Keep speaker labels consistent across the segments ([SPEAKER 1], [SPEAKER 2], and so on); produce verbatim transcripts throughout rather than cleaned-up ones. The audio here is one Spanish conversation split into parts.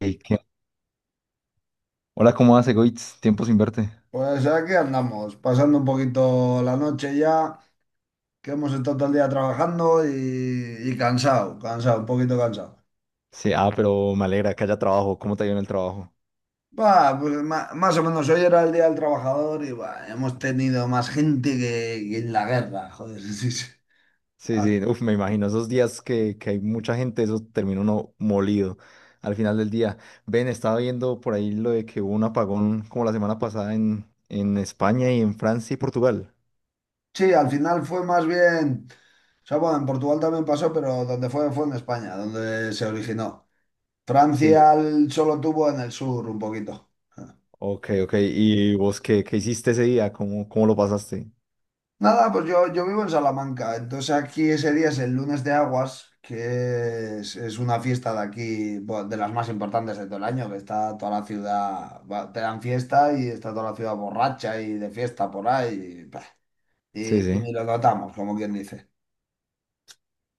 [SPEAKER 1] Ey, ¿qué- hola, ¿cómo hace, Goitz? Tiempo sin verte.
[SPEAKER 2] Pues aquí andamos, pasando un poquito la noche ya, que hemos estado todo el día trabajando y, y cansado, cansado, un poquito cansado.
[SPEAKER 1] Sí, ah, pero me alegra que haya trabajo. ¿Cómo te ha ido en el trabajo?
[SPEAKER 2] Va, pues ma- más o menos hoy era el Día del Trabajador y bah, hemos tenido más gente que, que en la guerra, joder. Sí, sí.
[SPEAKER 1] Sí,
[SPEAKER 2] Al
[SPEAKER 1] sí, uf, me imagino esos días que, que hay mucha gente, eso termina uno molido al final del día. Ven, estaba viendo por ahí lo de que hubo un apagón como la semana pasada en, en España y en Francia y Portugal.
[SPEAKER 2] sí, al final fue más bien, o sea, bueno, en Portugal también pasó, pero donde fue fue en España, donde se originó.
[SPEAKER 1] Sí,
[SPEAKER 2] Francia l- solo tuvo en el sur un poquito.
[SPEAKER 1] ok, ok. ¿Y vos qué, qué hiciste ese día? ¿Cómo, cómo lo pasaste?
[SPEAKER 2] Nada, pues yo, yo vivo en Salamanca, entonces aquí ese día es el lunes de Aguas, que es, es una fiesta de aquí, bueno, de las más importantes de todo el año, que está toda la ciudad, va, te dan fiesta y está toda la ciudad borracha y de fiesta por ahí, y, bah,
[SPEAKER 1] Sí,
[SPEAKER 2] y- y
[SPEAKER 1] sí.
[SPEAKER 2] ni lo notamos, como quien dice.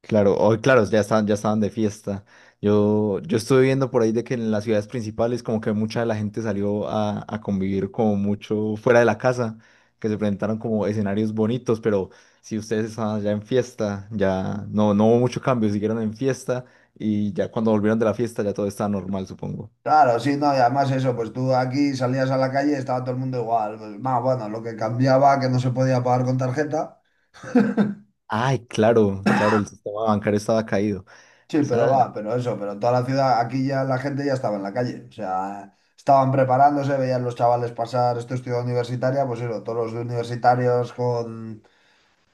[SPEAKER 1] Claro, hoy, claro, ya estaban, ya estaban de fiesta. Yo, yo estuve viendo por ahí de que en las ciudades principales como que mucha de la gente salió a, a convivir como mucho fuera de la casa, que se presentaron como escenarios bonitos, pero si ustedes estaban ya en fiesta, ya no, no hubo mucho cambio, siguieron en fiesta y ya cuando volvieron de la fiesta ya todo estaba normal, supongo.
[SPEAKER 2] Claro, sí, no, y además eso, pues tú aquí salías a la calle y estaba todo el mundo igual, pues, más bueno, lo que cambiaba que no se podía pagar con tarjeta.
[SPEAKER 1] Ay, claro, claro, el sistema bancario estaba caído.
[SPEAKER 2] Sí, pero va,
[SPEAKER 1] Esa-
[SPEAKER 2] pero eso, pero toda la ciudad, aquí ya la gente ya estaba en la calle, o sea, estaban preparándose, veían los chavales pasar, esto es ciudad universitaria, pues eso, todos los universitarios con,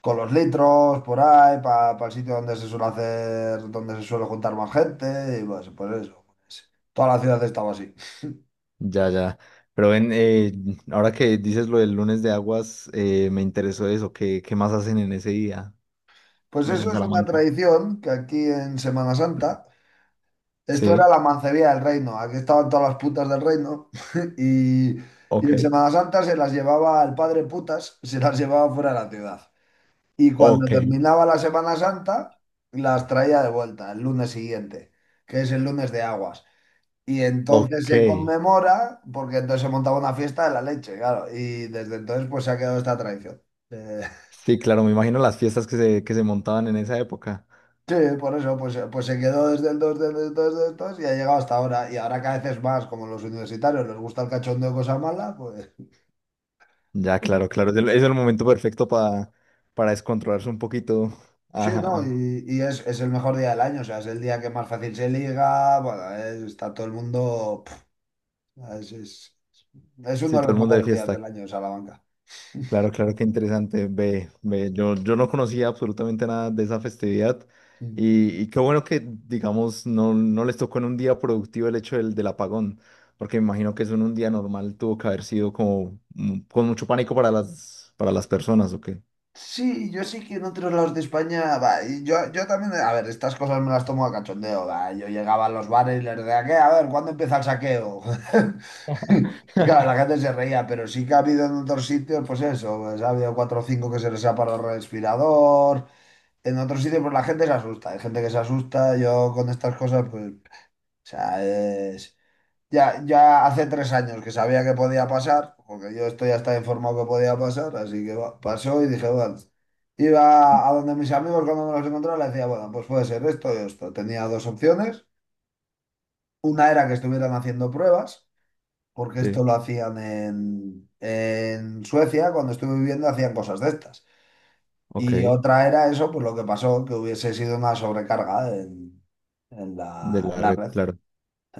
[SPEAKER 2] con los litros por ahí, para el sitio donde se suele hacer, donde se suele juntar más gente, y pues, pues eso, toda la ciudad estaba así.
[SPEAKER 1] Ya, ya. Pero ven, eh, ahora que dices lo del lunes de aguas, eh, me interesó eso. ¿Qué, qué más hacen en ese día?
[SPEAKER 2] Pues
[SPEAKER 1] Allá en
[SPEAKER 2] eso es una
[SPEAKER 1] Salamanca.
[SPEAKER 2] tradición que aquí en Semana Santa... Esto era
[SPEAKER 1] Sí,
[SPEAKER 2] la mancebía del reino. Aquí estaban todas las putas del reino. Y, y
[SPEAKER 1] ok,
[SPEAKER 2] en Semana Santa se las llevaba el padre putas, se las llevaba fuera de la ciudad. Y cuando
[SPEAKER 1] ok,
[SPEAKER 2] terminaba la Semana Santa, las traía de vuelta el lunes siguiente, que es el lunes de aguas. Y entonces
[SPEAKER 1] ok.
[SPEAKER 2] se conmemora, porque entonces se montaba una fiesta de la leche, claro. Y desde entonces pues se ha quedado esta tradición. Eh,
[SPEAKER 1] Sí, claro, me imagino las fiestas que se, que se montaban en esa época.
[SPEAKER 2] Sí, por eso, pues, eh, pues se quedó desde el dos, desde el dos, desde el dos y ha llegado hasta ahora. Y ahora cada vez es más, como los universitarios les gusta el cachondo de cosas malas, pues
[SPEAKER 1] Ya, claro, claro. Es el, es el momento perfecto para, para descontrolarse un poquito.
[SPEAKER 2] sí, ¿no?
[SPEAKER 1] Ajá.
[SPEAKER 2] Y, y es, es el mejor día del año, o sea, es el día que más fácil se liga, bueno, es- está todo el mundo... Pf, es, es, es
[SPEAKER 1] Sí,
[SPEAKER 2] uno de
[SPEAKER 1] todo
[SPEAKER 2] los
[SPEAKER 1] el mundo de
[SPEAKER 2] mejores días del
[SPEAKER 1] fiesta.
[SPEAKER 2] año, Salamanca.
[SPEAKER 1] Claro, claro, qué interesante. Ve, ve, yo, yo no conocía absolutamente nada de esa festividad
[SPEAKER 2] Mm.
[SPEAKER 1] y, y qué bueno que, digamos, no, no les tocó en un día productivo el hecho del, del apagón, porque me imagino que eso en un día normal tuvo que haber sido como mm, con mucho pánico para las, para las personas, ¿o qué?
[SPEAKER 2] Sí, yo sí que en otros lados de España, va, y yo, yo también, a ver, estas cosas me las tomo a cachondeo, va, yo llegaba a los bares y les decía, ¿qué? A ver, ¿cuándo empieza el saqueo? Y claro, la gente se reía, pero sí que ha habido en otros sitios, pues eso, pues ha habido cuatro o cinco que se les ha parado el respirador, en otros sitios pues la gente se asusta, hay gente que se asusta, yo con estas cosas, pues, o sea, es ya, ya hace tres años que sabía que podía pasar, porque yo estoy hasta informado que podía pasar, así que va- pasó y dije, bueno, iba a donde mis amigos cuando me los encontraba, le decía, bueno, pues puede ser esto y esto. Tenía dos opciones. Una era que estuvieran haciendo pruebas, porque esto
[SPEAKER 1] Sí,
[SPEAKER 2] lo hacían en, en Suecia, cuando estuve viviendo hacían cosas de estas.
[SPEAKER 1] ok,
[SPEAKER 2] Y otra era eso, pues lo que pasó, que hubiese sido una sobrecarga en, en
[SPEAKER 1] de
[SPEAKER 2] la, en
[SPEAKER 1] la
[SPEAKER 2] la
[SPEAKER 1] red,
[SPEAKER 2] red.
[SPEAKER 1] claro.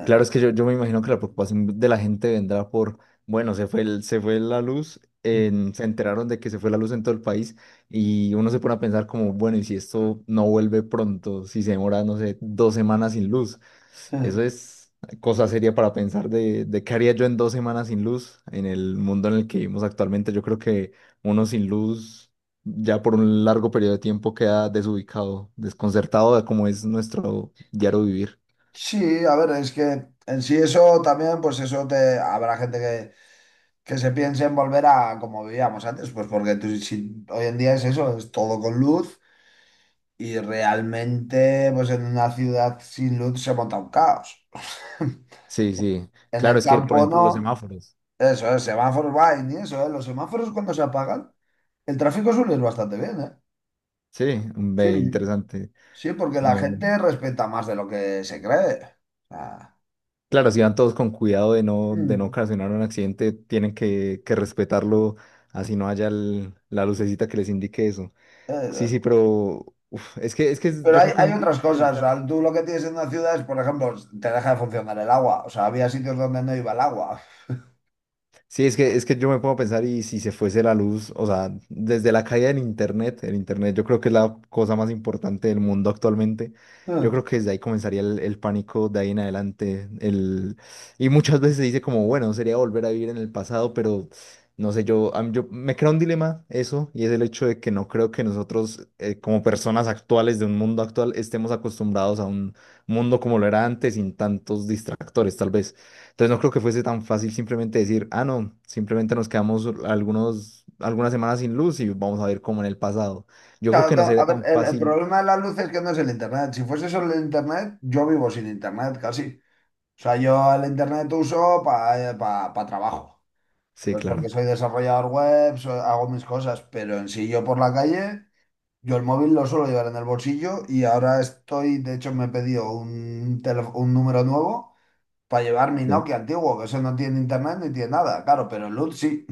[SPEAKER 1] Claro, es que yo, yo me imagino que la preocupación de la gente vendrá por, bueno, se fue el, se fue la luz, en- se enteraron de que se fue la luz en todo el país y uno se pone a pensar como, bueno, ¿y si esto no vuelve pronto? Si se demora, no sé, dos semanas sin luz. Eso es cosa seria para pensar de, de qué haría yo en dos semanas sin luz en el mundo en el que vivimos actualmente. Yo creo que uno sin luz ya por un largo periodo de tiempo queda desubicado, desconcertado de cómo es nuestro diario vivir.
[SPEAKER 2] Sí, a ver, es que en sí eso también, pues eso te habrá gente que, que se piense en volver a como vivíamos antes, pues porque tú, si, hoy en día es eso, es todo con luz y realmente pues en una ciudad sin luz se monta un caos.
[SPEAKER 1] Sí, sí.
[SPEAKER 2] En el
[SPEAKER 1] Claro, es que, por
[SPEAKER 2] campo
[SPEAKER 1] ejemplo, los
[SPEAKER 2] no,
[SPEAKER 1] semáforos.
[SPEAKER 2] eso es, semáforos va y ni eso, ¿eh? Los semáforos cuando se apagan, el tráfico suele ir bastante bien, ¿eh?
[SPEAKER 1] Sí, mm,
[SPEAKER 2] Sí,
[SPEAKER 1] ve,
[SPEAKER 2] sí,
[SPEAKER 1] interesante.
[SPEAKER 2] sí, porque la
[SPEAKER 1] No, no.
[SPEAKER 2] gente respeta más de lo que se cree. O sea,
[SPEAKER 1] Claro, si van todos con cuidado de no, de no
[SPEAKER 2] mm,
[SPEAKER 1] ocasionar un accidente, tienen que, que respetarlo, así no haya el- la lucecita que les indique eso. Sí,
[SPEAKER 2] eh,
[SPEAKER 1] sí, pero uf, es que, es que es-
[SPEAKER 2] pero
[SPEAKER 1] yo
[SPEAKER 2] hay,
[SPEAKER 1] creo que es
[SPEAKER 2] hay
[SPEAKER 1] muy
[SPEAKER 2] otras
[SPEAKER 1] difícil
[SPEAKER 2] cosas, o
[SPEAKER 1] pensar.
[SPEAKER 2] sea, tú lo que tienes en una ciudad es, por ejemplo, te deja de funcionar el agua, o sea, había sitios donde no iba el agua.
[SPEAKER 1] Sí, es que, es que yo me pongo a pensar y si se fuese la luz, o sea, desde la caída del Internet, el Internet yo creo que es la cosa más importante del mundo actualmente, yo creo
[SPEAKER 2] Hmm.
[SPEAKER 1] que desde ahí comenzaría el, el pánico de ahí en adelante, el, y muchas veces se dice como, bueno, sería volver a vivir en el pasado, pero no sé, yo, a mí- yo me crea un dilema eso, y es el hecho de que no creo que nosotros eh, como personas actuales de un mundo actual estemos acostumbrados a un mundo como lo era antes, sin tantos distractores, tal vez. Entonces no creo que fuese tan fácil simplemente decir, ah, no, simplemente nos quedamos algunos, algunas semanas sin luz y vamos a ver cómo en el pasado. Yo creo
[SPEAKER 2] Claro,
[SPEAKER 1] que
[SPEAKER 2] no,
[SPEAKER 1] no
[SPEAKER 2] a
[SPEAKER 1] sería
[SPEAKER 2] ver,
[SPEAKER 1] tan
[SPEAKER 2] el, el
[SPEAKER 1] fácil.
[SPEAKER 2] problema de la luz es que no es el internet. Si fuese solo el internet, yo vivo sin internet casi. O sea, yo el internet uso para trabajo.
[SPEAKER 1] Sí,
[SPEAKER 2] Pues porque
[SPEAKER 1] claro.
[SPEAKER 2] soy desarrollador web, so- hago mis cosas, pero en sí yo por la calle, yo el móvil lo suelo llevar en el bolsillo y ahora estoy, de hecho me he pedido un, tele- un número nuevo para llevar mi
[SPEAKER 1] Sí,
[SPEAKER 2] Nokia antiguo, que eso no tiene internet ni tiene nada, claro, pero el L U T sí.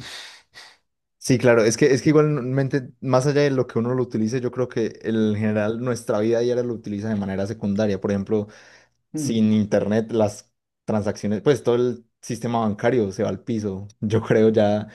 [SPEAKER 1] sí, claro. Es que, es que igualmente, más allá de lo que uno lo utilice, yo creo que en general nuestra vida diaria lo utiliza de manera secundaria. Por ejemplo,
[SPEAKER 2] Mm,
[SPEAKER 1] sin internet, las transacciones, pues todo el sistema bancario se va al piso. Yo creo ya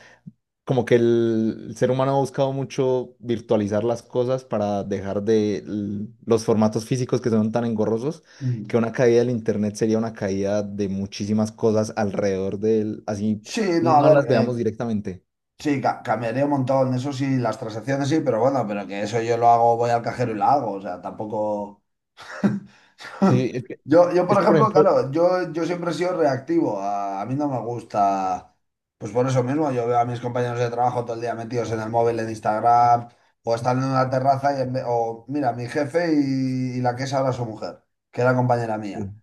[SPEAKER 1] como que el, el ser humano ha buscado mucho virtualizar las cosas para dejar de l- los formatos físicos que son tan engorrosos,
[SPEAKER 2] mm.
[SPEAKER 1] que una caída del internet sería una caída de muchísimas cosas alrededor del así
[SPEAKER 2] Sí, no, a
[SPEAKER 1] no
[SPEAKER 2] ver,
[SPEAKER 1] las veamos
[SPEAKER 2] eh,
[SPEAKER 1] directamente.
[SPEAKER 2] sí, ca- cambiaría un montón, eso sí, las transacciones sí, pero bueno, pero que eso yo lo hago, voy al cajero y lo hago, o sea, tampoco...
[SPEAKER 1] Sí, es que,
[SPEAKER 2] Yo, yo,
[SPEAKER 1] es
[SPEAKER 2] por
[SPEAKER 1] que por
[SPEAKER 2] ejemplo,
[SPEAKER 1] ejemplo,
[SPEAKER 2] claro, yo, yo siempre he sido reactivo. A, a mí no me gusta, pues por eso mismo, yo veo a mis compañeros de trabajo todo el día metidos en el móvil, en Instagram, o están en una terraza y en ve- o mira, mi jefe y, y la que es ahora su mujer, que era compañera
[SPEAKER 1] sí.
[SPEAKER 2] mía.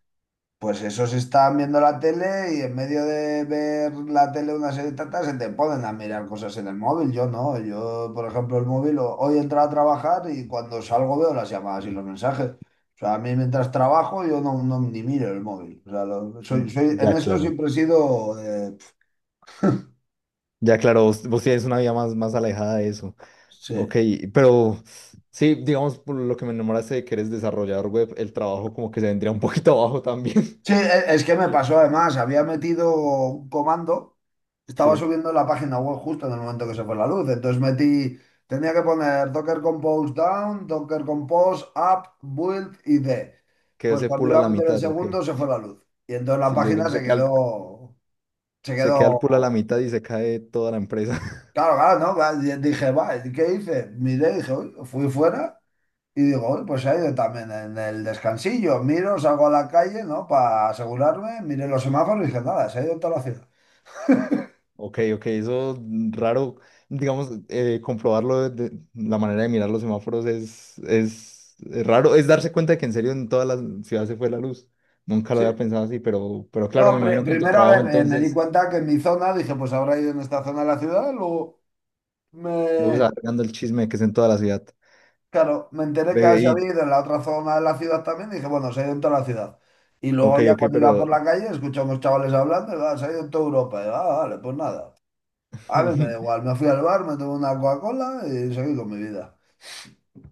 [SPEAKER 2] Pues esos están viendo la tele y en medio de ver la tele una serie de tantas se te ponen a mirar cosas en el móvil. Yo no, yo por ejemplo el móvil o- hoy he entrado a trabajar y cuando salgo veo las llamadas y los mensajes. O sea, a mí mientras trabajo yo no, no ni miro el móvil. O sea, lo- soy, soy, en
[SPEAKER 1] Ya
[SPEAKER 2] eso
[SPEAKER 1] claro,
[SPEAKER 2] siempre he sido... eh,
[SPEAKER 1] ya claro, vos, vos tienes una vida más, más alejada de eso. Ok,
[SPEAKER 2] sí.
[SPEAKER 1] pero sí, digamos, por lo que me enamoraste de que eres desarrollador web, el trabajo como que se vendría un poquito abajo también.
[SPEAKER 2] Sí, e- es que me
[SPEAKER 1] Sí.
[SPEAKER 2] pasó además, había metido un comando, estaba
[SPEAKER 1] Sí.
[SPEAKER 2] subiendo la página web justo en el momento que se fue la luz, entonces metí, tenía que poner Docker Compose down, Docker Compose up, build y d.
[SPEAKER 1] Quedó
[SPEAKER 2] Pues
[SPEAKER 1] ese
[SPEAKER 2] cuando
[SPEAKER 1] pool a
[SPEAKER 2] iba a
[SPEAKER 1] la
[SPEAKER 2] meter el
[SPEAKER 1] mitad, ok.
[SPEAKER 2] segundo se fue la luz y entonces la
[SPEAKER 1] Sí, se,
[SPEAKER 2] página se
[SPEAKER 1] se queda el,
[SPEAKER 2] quedó, se
[SPEAKER 1] se queda el pool a la
[SPEAKER 2] quedó,
[SPEAKER 1] mitad y se cae toda la empresa.
[SPEAKER 2] claro, claro, ¿no? Va, y dije, va, ¿qué hice? Miré, dije, uy, fui fuera. Y digo, "Uy, pues se ha ido también en el descansillo". Miro, salgo a la calle, ¿no? Para asegurarme, miré los semáforos y dije, nada, se ha ido en toda la ciudad.
[SPEAKER 1] Ok, ok, eso mm, raro, digamos, eh, comprobarlo de, de- la manera de mirar los semáforos es, es, es raro, es darse cuenta de que en serio en toda la ciudad se fue la luz. Nunca lo
[SPEAKER 2] Sí.
[SPEAKER 1] había pensado así, pero, pero
[SPEAKER 2] No,
[SPEAKER 1] claro, me
[SPEAKER 2] pri-
[SPEAKER 1] imagino que en tu
[SPEAKER 2] primero, a
[SPEAKER 1] trabajo
[SPEAKER 2] ver, eh, me di
[SPEAKER 1] entonces
[SPEAKER 2] cuenta que en mi zona, dije, pues habrá ido en esta zona de la ciudad. Luego
[SPEAKER 1] luego se
[SPEAKER 2] me,
[SPEAKER 1] va regando el chisme de que es en toda la ciudad.
[SPEAKER 2] claro, me enteré que
[SPEAKER 1] Ve
[SPEAKER 2] se
[SPEAKER 1] y,
[SPEAKER 2] había ido en la otra zona de la ciudad también. Dije, bueno, se ha ido en toda la ciudad. Y
[SPEAKER 1] ok,
[SPEAKER 2] luego ya
[SPEAKER 1] ok,
[SPEAKER 2] cuando iba por
[SPEAKER 1] pero
[SPEAKER 2] la calle, escuché a unos chavales hablando, y, "Ah, se ha ido en toda Europa". Y, ah, vale, pues nada. A mí me da igual, me fui al bar, me tomé una Coca-Cola y seguí con mi vida.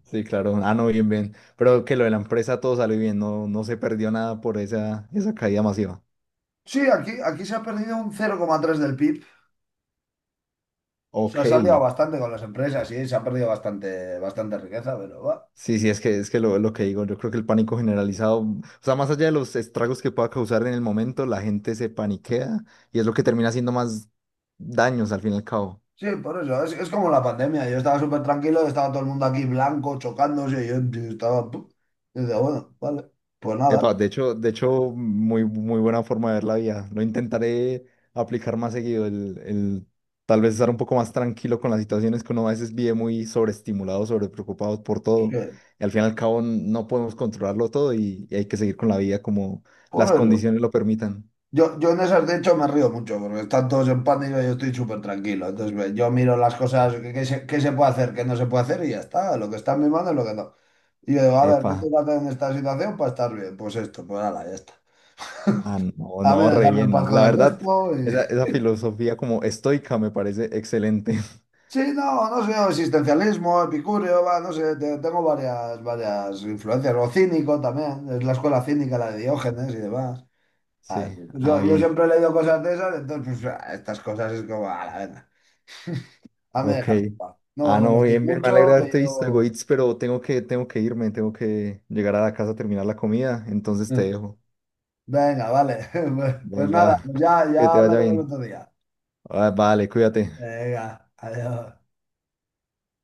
[SPEAKER 1] sí, claro. Ah, no, bien, bien. Pero que lo de la empresa todo salió bien, no, no se perdió nada por esa, esa caída masiva.
[SPEAKER 2] Sí, aquí, aquí se ha perdido un cero coma tres del P I B. O sea,
[SPEAKER 1] Ok.
[SPEAKER 2] se ha salido bastante con las empresas y se ha perdido bastante, bastante riqueza, pero va.
[SPEAKER 1] Sí, sí, es que es que lo, lo que digo, yo creo que el pánico generalizado, o sea, más allá de los estragos que pueda causar en el momento, la gente se paniquea y es lo que termina haciendo más daños al fin y al cabo.
[SPEAKER 2] Sí, por eso. Es, es como la pandemia. Yo estaba súper tranquilo, estaba todo el mundo aquí blanco, chocándose. Y yo, yo estaba. pu- Y decía, bueno, vale. Pues nada.
[SPEAKER 1] Epa, de hecho, de hecho, muy, muy buena forma de ver la vida. Lo intentaré aplicar más seguido, el, el tal vez estar un poco más tranquilo con las situaciones que uno a veces vive muy sobreestimulado, sobrepreocupado por todo.
[SPEAKER 2] eh,
[SPEAKER 1] Y al fin y al cabo no podemos controlarlo todo y, y hay que seguir con la vida como
[SPEAKER 2] por
[SPEAKER 1] las
[SPEAKER 2] eso.
[SPEAKER 1] condiciones lo permitan.
[SPEAKER 2] Yo, yo en esas, de hecho, me río mucho, porque están todos en pánico y yo estoy súper tranquilo. Entonces, ve, yo miro las cosas que, que se, que se puede hacer, que no se puede hacer y ya está. Lo que está en mi mano es lo que no. Y yo digo, a ver,
[SPEAKER 1] Epa,
[SPEAKER 2] ¿qué tengo que hacer en esta situación para estar bien? Pues esto, pues nada, ya está.
[SPEAKER 1] ah, no,
[SPEAKER 2] Dame
[SPEAKER 1] no, re
[SPEAKER 2] dejarme en
[SPEAKER 1] bien.
[SPEAKER 2] paz con
[SPEAKER 1] La
[SPEAKER 2] el
[SPEAKER 1] verdad,
[SPEAKER 2] resto. y-
[SPEAKER 1] esa, esa filosofía como estoica me parece excelente.
[SPEAKER 2] Sí, no, no sé, existencialismo, epicurio, va, no sé, te- tengo varias, varias influencias. O cínico también, es la escuela cínica, la de Diógenes y demás. Ah,
[SPEAKER 1] Sí, ah,
[SPEAKER 2] Yo, yo
[SPEAKER 1] bien.
[SPEAKER 2] siempre he leído cosas de esas, entonces pues, ah, estas cosas es como, a la venga, dame
[SPEAKER 1] Ok.
[SPEAKER 2] dejarme en paz. No me
[SPEAKER 1] Ah, no,
[SPEAKER 2] molestéis
[SPEAKER 1] bien, bien, me alegra
[SPEAKER 2] mucho, que
[SPEAKER 1] haberte visto,
[SPEAKER 2] yo...
[SPEAKER 1] Egoitz, pero tengo que, tengo que irme, tengo que llegar a la casa a terminar la comida, entonces te
[SPEAKER 2] Mm,
[SPEAKER 1] dejo.
[SPEAKER 2] venga, vale. Pues, pues nada,
[SPEAKER 1] Venga,
[SPEAKER 2] pues ya,
[SPEAKER 1] que
[SPEAKER 2] ya
[SPEAKER 1] te vaya
[SPEAKER 2] hablaremos
[SPEAKER 1] bien.
[SPEAKER 2] otro día.
[SPEAKER 1] Ah, vale, cuídate.
[SPEAKER 2] Venga, adiós.